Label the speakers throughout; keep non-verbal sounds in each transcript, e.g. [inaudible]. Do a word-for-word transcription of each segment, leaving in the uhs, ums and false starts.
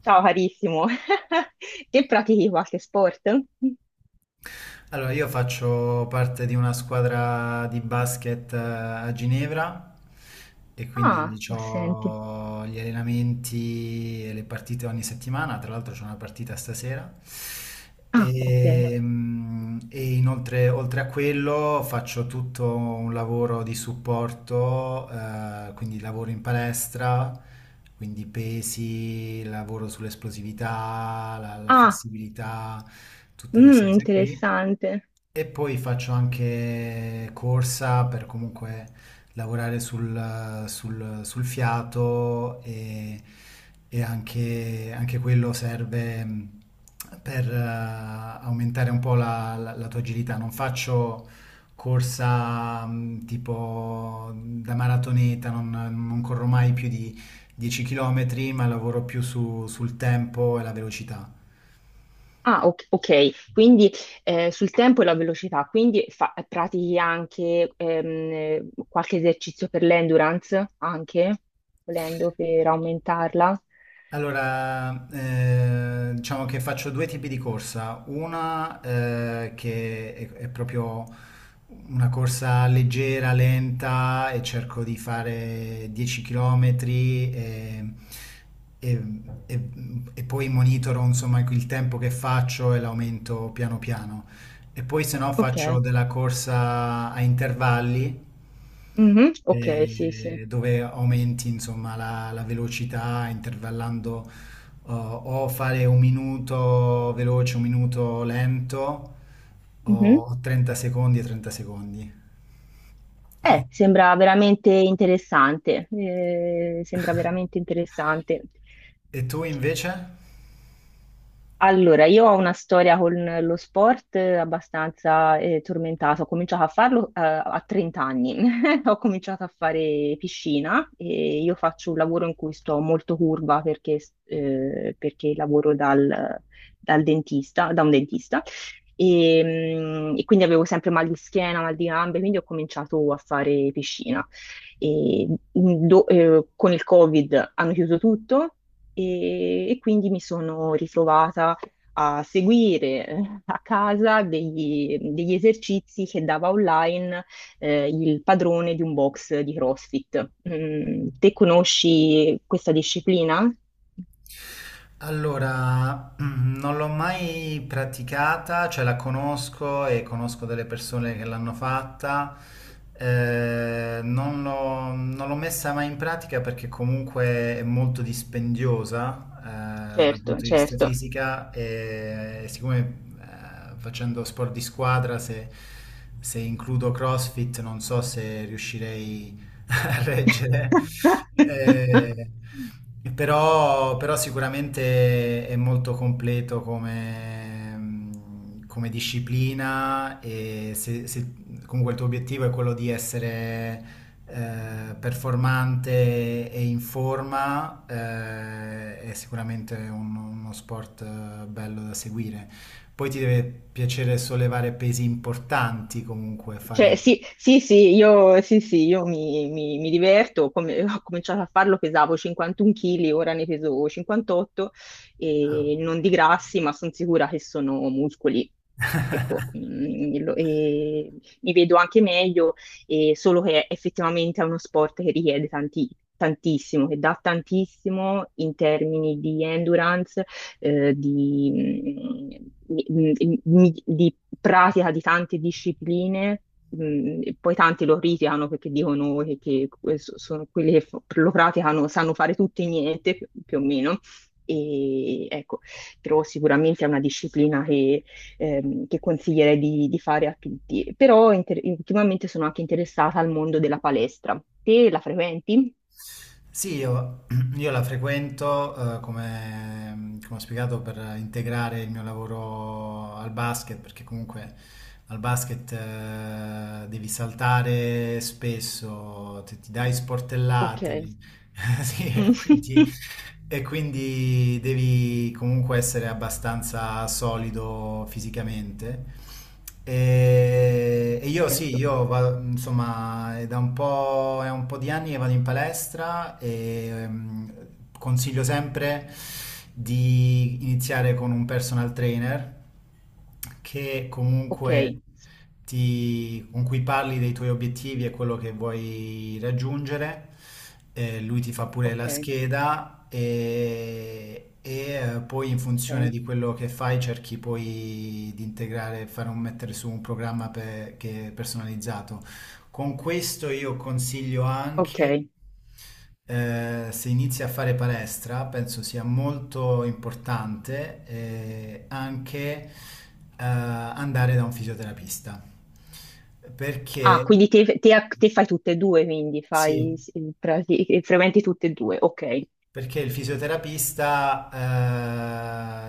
Speaker 1: Ciao carissimo, [laughs] che pratichi qualche sport?
Speaker 2: Allora, io faccio parte di una squadra di basket eh, a Ginevra e quindi
Speaker 1: Ah, ma senti.
Speaker 2: ho gli allenamenti e le partite ogni settimana, tra l'altro c'è una partita stasera.
Speaker 1: Ah, ok.
Speaker 2: E, mm, e inoltre, oltre a quello, faccio tutto un lavoro di supporto, eh, quindi lavoro in palestra, quindi pesi, lavoro sull'esplosività, la la
Speaker 1: Ah,
Speaker 2: flessibilità, tutte queste
Speaker 1: mm,
Speaker 2: cose qui.
Speaker 1: interessante.
Speaker 2: E poi faccio anche corsa per comunque lavorare sul, sul- sul fiato e, e anche, anche quello serve mh, per eh, aumentare un po' la, la- la tua agilità. Non faccio corsa mh, tipo da maratoneta, non, non corro mai più di dieci chilometri, ma lavoro più su- sul tempo e la velocità.
Speaker 1: Ah, ok, ok. Quindi eh, sul tempo e la velocità, quindi fa- pratichi anche ehm, qualche esercizio per l'endurance, anche, volendo per aumentarla.
Speaker 2: Allora, eh, diciamo che faccio due tipi di corsa, una eh, che è, è proprio una corsa leggera, lenta e cerco di fare dieci chilometri e, e- e- e poi monitoro insomma il tempo che faccio e l'aumento piano piano. E poi se no
Speaker 1: Ok,
Speaker 2: faccio della corsa a intervalli
Speaker 1: mhm, ok, sì, sì.
Speaker 2: eh, dove aumenti insomma la la velocità intervallando o o fare un minuto veloce, un minuto lento,
Speaker 1: Mhm.
Speaker 2: o trenta secondi e trenta secondi.
Speaker 1: Eh, sembra veramente interessante, eh, sembra veramente
Speaker 2: [laughs]
Speaker 1: interessante.
Speaker 2: E tu invece?
Speaker 1: Allora, io ho una storia con lo sport eh, abbastanza eh, tormentata. Ho cominciato a farlo eh, a trent'anni anni. [laughs] Ho cominciato a fare piscina e io faccio un lavoro in cui sto molto curva perché, eh, perché lavoro dal, dal dentista, da un dentista. E, mm, e quindi avevo sempre mal di schiena, mal di gambe, quindi ho cominciato a fare piscina. E, mm, do- eh, con il Covid hanno chiuso tutto e, e quindi mi sono ritrovata a seguire eh, a casa degli, degli esercizi che dava online eh, il padrone di un box di CrossFit. Mm, te conosci questa disciplina?
Speaker 2: Allora, [clears throat] mm, non l'ho mai praticata, cioè la conosco e conosco delle persone che l'hanno fatta. Eh, non l'ho non l'ho messa mai in pratica perché comunque è molto dispendiosa, eh, dal
Speaker 1: Certo,
Speaker 2: punto di vista
Speaker 1: certo.
Speaker 2: fisica e siccome eh, facendo sport di squadra, se, se includo CrossFit, non so se riuscirei [laughs] a reggere.
Speaker 1: [laughs]
Speaker 2: Eh, però, però sicuramente è molto completo come, come disciplina e se, se comunque il tuo obiettivo è quello di essere eh, performante e in forma, eh, è sicuramente un- uno sport eh, bello da seguire. Poi ti deve piacere sollevare pesi importanti comunque,
Speaker 1: Cioè,
Speaker 2: fare...
Speaker 1: sì, sì, sì, io, sì, sì, io mi, mi- mi diverto, come- ho cominciato a farlo, pesavo cinquantun chili, ora ne peso cinquantotto
Speaker 2: Ah.
Speaker 1: e non di grassi, ma sono sicura che sono muscoli. Ecco, mm, lo- e mi vedo anche meglio, e solo che effettivamente è uno sport che richiede tanti- tantissimo, che dà tantissimo in termini di endurance, eh, di mm, di- mm, di- di pratica di tante discipline mh, e poi tanti lo criticano perché dicono che, che que- so- sono quelli che fa- lo praticano, sanno fare tutto e niente, più, più o meno. E ecco, però sicuramente è una disciplina che, ehm, che consiglierei di, di fare a tutti. Però inter- ultimamente sono anche interessata al mondo della palestra. Te la frequenti?
Speaker 2: Sì, io, [clears throat] io la frequento, eh, come, come ho spiegato, per integrare il mio lavoro al basket, perché comunque al basket, eh, devi saltare spesso, ti, ti dai
Speaker 1: Ok.
Speaker 2: sportellate, [laughs] sì, e
Speaker 1: Mm.
Speaker 2: quindi,
Speaker 1: [laughs]
Speaker 2: e quindi devi comunque essere abbastanza solido fisicamente. E, e io sì,
Speaker 1: Certo.
Speaker 2: io vado, insomma, è da un po', è un po' di anni che vado in palestra e ehm, consiglio sempre di iniziare con un personal trainer che
Speaker 1: Ok,
Speaker 2: comunque ti- con cui parli dei tuoi obiettivi e quello che vuoi raggiungere. Eh, lui ti fa pure
Speaker 1: ok,
Speaker 2: la scheda e, e, eh, poi in funzione
Speaker 1: ok,
Speaker 2: di quello che fai cerchi poi di integrare, fare un, mettere su un programma pe- che è personalizzato. Con questo io consiglio anche,
Speaker 1: ok.
Speaker 2: eh, se inizi a fare palestra, penso sia molto importante, eh, anche eh, andare da un fisioterapista. Perché
Speaker 1: Ah, quindi te, te a- te fai tutte e due, quindi fai,
Speaker 2: sì.
Speaker 1: s- prati- frequenti tutte e due, ok.
Speaker 2: Perché il fisioterapista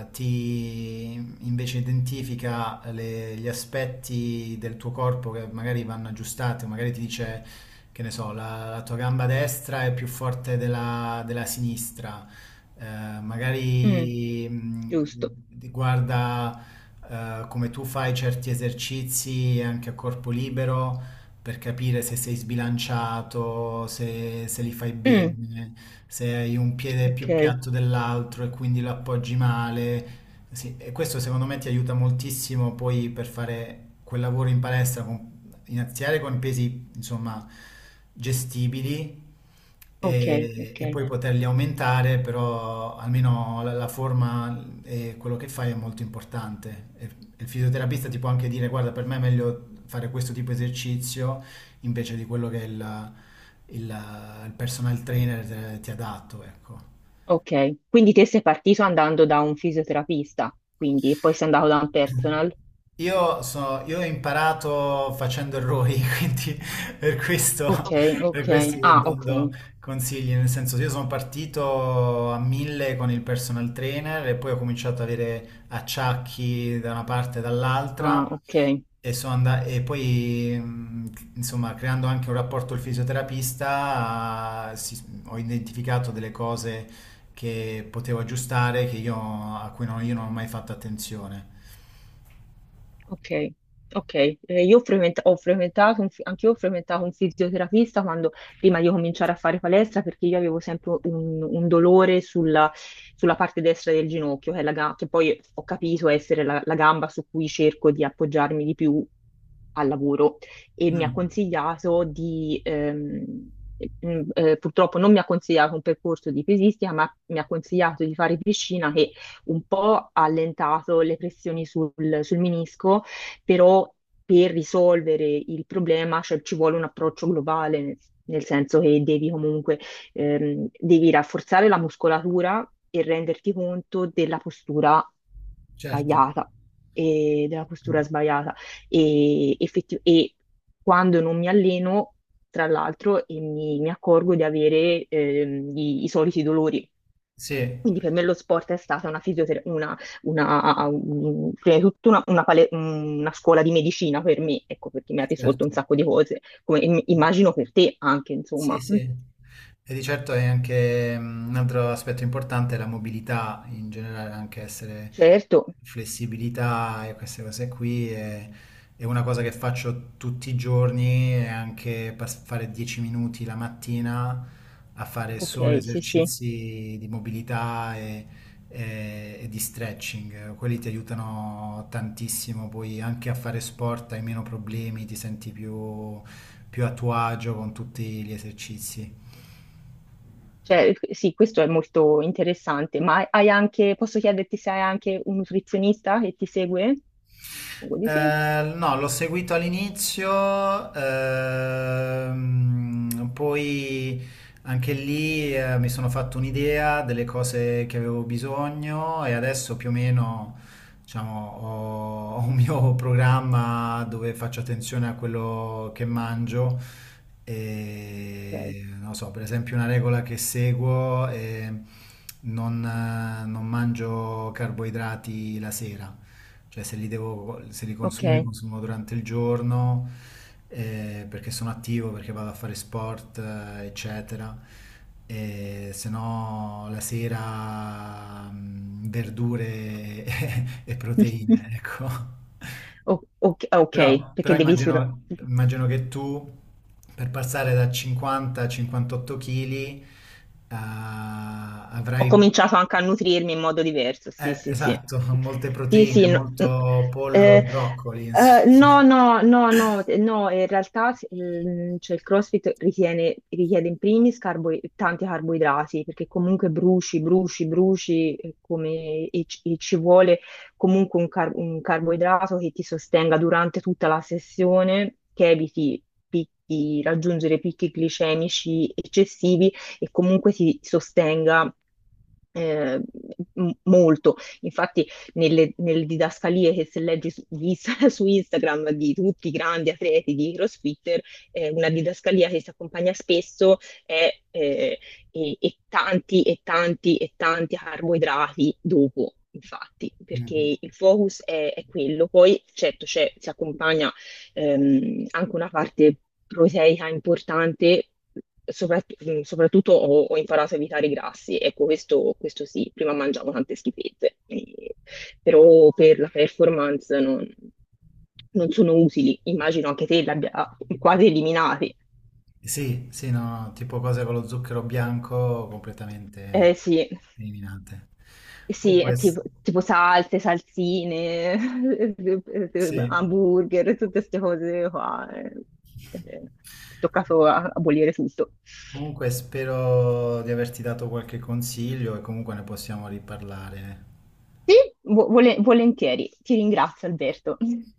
Speaker 2: eh, ti invece identifica le- gli aspetti del tuo corpo che magari vanno aggiustati, o magari ti dice, che ne so, la, la tua gamba destra è più forte della, della sinistra, eh,
Speaker 1: Mm,
Speaker 2: magari
Speaker 1: giusto.
Speaker 2: mh, ti guarda eh, come tu fai certi esercizi anche a corpo libero per capire se sei sbilanciato, se, se li fai
Speaker 1: Mm,
Speaker 2: bene, se hai un piede più
Speaker 1: ok,
Speaker 2: piatto dell'altro e quindi lo appoggi male. Sì, e questo secondo me ti aiuta moltissimo poi per fare quel lavoro in palestra, con- iniziare con pesi insomma gestibili
Speaker 1: ok,
Speaker 2: e,
Speaker 1: ok,
Speaker 2: e poi poterli aumentare, però almeno la, la forma e quello che fai è molto importante. E, e il fisioterapista ti può anche dire, guarda, per me è meglio fare questo tipo di esercizio invece di quello che il, il- il personal trainer te- ti ha dato, ecco.
Speaker 1: ok. Quindi te sei partito andando da un fisioterapista, quindi e poi sei andato da un personal.
Speaker 2: Io, so- io ho imparato facendo errori, [laughs] quindi per questo,
Speaker 1: Ok,
Speaker 2: ok, per
Speaker 1: ok,
Speaker 2: questo, ok, sto
Speaker 1: ah, ok,
Speaker 2: dando consigli, nel senso io sono partito a mille con il personal trainer e poi ho cominciato ad avere acciacchi da una parte e
Speaker 1: ah,
Speaker 2: dall'altra.
Speaker 1: ok.
Speaker 2: E, sono anda- e poi, mh, insomma, creando anche un rapporto al fisioterapista, si- ho identificato delle cose che potevo aggiustare, che io, a cui non, io non ho mai fatto attenzione.
Speaker 1: Ok, ok. Eh, io ho frequent- ho frequentato, un fi- anche io ho frequentato un fisioterapista quando, prima di cominciare a fare palestra perché io avevo sempre un, un dolore sulla, sulla parte destra del ginocchio, che, è la ga- che poi ho capito essere la, la gamba su cui cerco di appoggiarmi di più al lavoro e mi ha
Speaker 2: Mm,
Speaker 1: consigliato di... ehm, mm, eh, purtroppo non mi ha consigliato un percorso di pesistica, ma mi ha consigliato di fare piscina un po' allentato le pressioni sul, sul menisco, però per risolvere il problema, cioè, ci vuole un approccio globale, nel, nel senso che devi comunque ehm, devi rafforzare la muscolatura e renderti conto della postura
Speaker 2: certo.
Speaker 1: sbagliata e della postura sbagliata e, effetti- e quando non mi alleno, tra l'altro, e mi, mi accorgo di avere ehm, i i soliti dolori.
Speaker 2: Sì,
Speaker 1: Quindi per me lo sport è stata una fisioterapia, una, una- un- prima di tutto una, una pale- una scuola di medicina per me, ecco, perché mi ha risolto un
Speaker 2: certo.
Speaker 1: sacco di cose, come im- immagino per te anche,
Speaker 2: Sì,
Speaker 1: insomma.
Speaker 2: sì.
Speaker 1: Mm,
Speaker 2: E di certo è anche, mm, un altro aspetto importante, la mobilità in generale, anche essere
Speaker 1: certo,
Speaker 2: flessibilità e queste cose qui è, è una cosa che faccio tutti i giorni e anche pas- fare dieci minuti la mattina a fare solo
Speaker 1: ok, sì, sì.
Speaker 2: esercizi di mobilità e, e- e di stretching. Quelli ti aiutano tantissimo, poi anche a fare sport hai meno problemi, ti senti più più a tuo agio con tutti gli esercizi.
Speaker 1: Cioè, eh, sì, questo è molto interessante, ma hai anche, posso chiederti se hai anche un nutrizionista che ti segue? Suppongo di sì.
Speaker 2: Eh, no, l'ho seguito all'inizio, ehm, poi anche lì eh, mi sono fatto un'idea delle cose che avevo bisogno e adesso più o meno, diciamo, ho, ho un mio [laughs] programma dove faccio attenzione a quello che mangio
Speaker 1: Ok.
Speaker 2: e non so, per esempio una regola che seguo è non, eh, non mangio carboidrati la sera. Cioè se li devo, se li consumo, li
Speaker 1: Ok.
Speaker 2: consumo durante il giorno, eh, perché sono attivo, perché vado a fare sport, eh, eccetera. E se no la sera, mm, verdure e [laughs] e
Speaker 1: [laughs]
Speaker 2: proteine, ecco.
Speaker 1: O- ok, ok,
Speaker 2: Però, però
Speaker 1: perché devi sur-
Speaker 2: immagino, immagino che tu per passare da cinquanta a cinquantotto chili
Speaker 1: ho
Speaker 2: avrai...
Speaker 1: cominciato anche a nutrirmi in modo diverso, sì,
Speaker 2: eh,
Speaker 1: sì, sì.
Speaker 2: esatto, [laughs] molte
Speaker 1: Sì,
Speaker 2: proteine,
Speaker 1: sì, no, n-
Speaker 2: molto pollo e
Speaker 1: eh,
Speaker 2: broccoli,
Speaker 1: eh,
Speaker 2: insomma.
Speaker 1: no, no, no, no,
Speaker 2: [laughs]
Speaker 1: eh, no, in realtà ehm, cioè, il CrossFit ritiene- richiede in primis carbo- tanti carboidrati, perché comunque bruci, bruci, bruci, eh, come, e, ci e ci vuole comunque un, car- un carboidrato che ti sostenga durante tutta la sessione, che eviti picchi- raggiungere picchi glicemici eccessivi e comunque si sostenga eh, m- molto. Infatti, nelle, nelle didascalie che se leggi su, di Inst- [laughs] su Instagram di tutti i grandi atleti di CrossFitter, eh, una didascalia che si accompagna spesso è eh, e, e tanti e tanti e tanti carboidrati dopo. Infatti,
Speaker 2: Mhm.
Speaker 1: perché il focus è, è quello, poi certo c'è- si accompagna ehm, anche una parte proteica importante, soprat- mh, soprattutto ho, ho imparato a evitare i grassi, ecco questo, questo sì, prima mangiavo tante schifezze, eh, però per la performance non, non sono utili, immagino anche te li abbia quasi eliminati.
Speaker 2: Sì, sì, no, tipo cose con lo zucchero bianco
Speaker 1: Eh
Speaker 2: completamente
Speaker 1: sì,
Speaker 2: eliminate.
Speaker 1: sì, è
Speaker 2: Comunque, s-
Speaker 1: tipo, tipo salse, salsine, [laughs]
Speaker 2: sì.
Speaker 1: hamburger, tutte queste cose qua. Eh. Eh, è toccato a- abolire tutto.
Speaker 2: Comunque spero di averti dato qualche consiglio e comunque ne possiamo riparlare.
Speaker 1: Sì, vo- vole- volentieri. Ti ringrazio, Alberto. [laughs]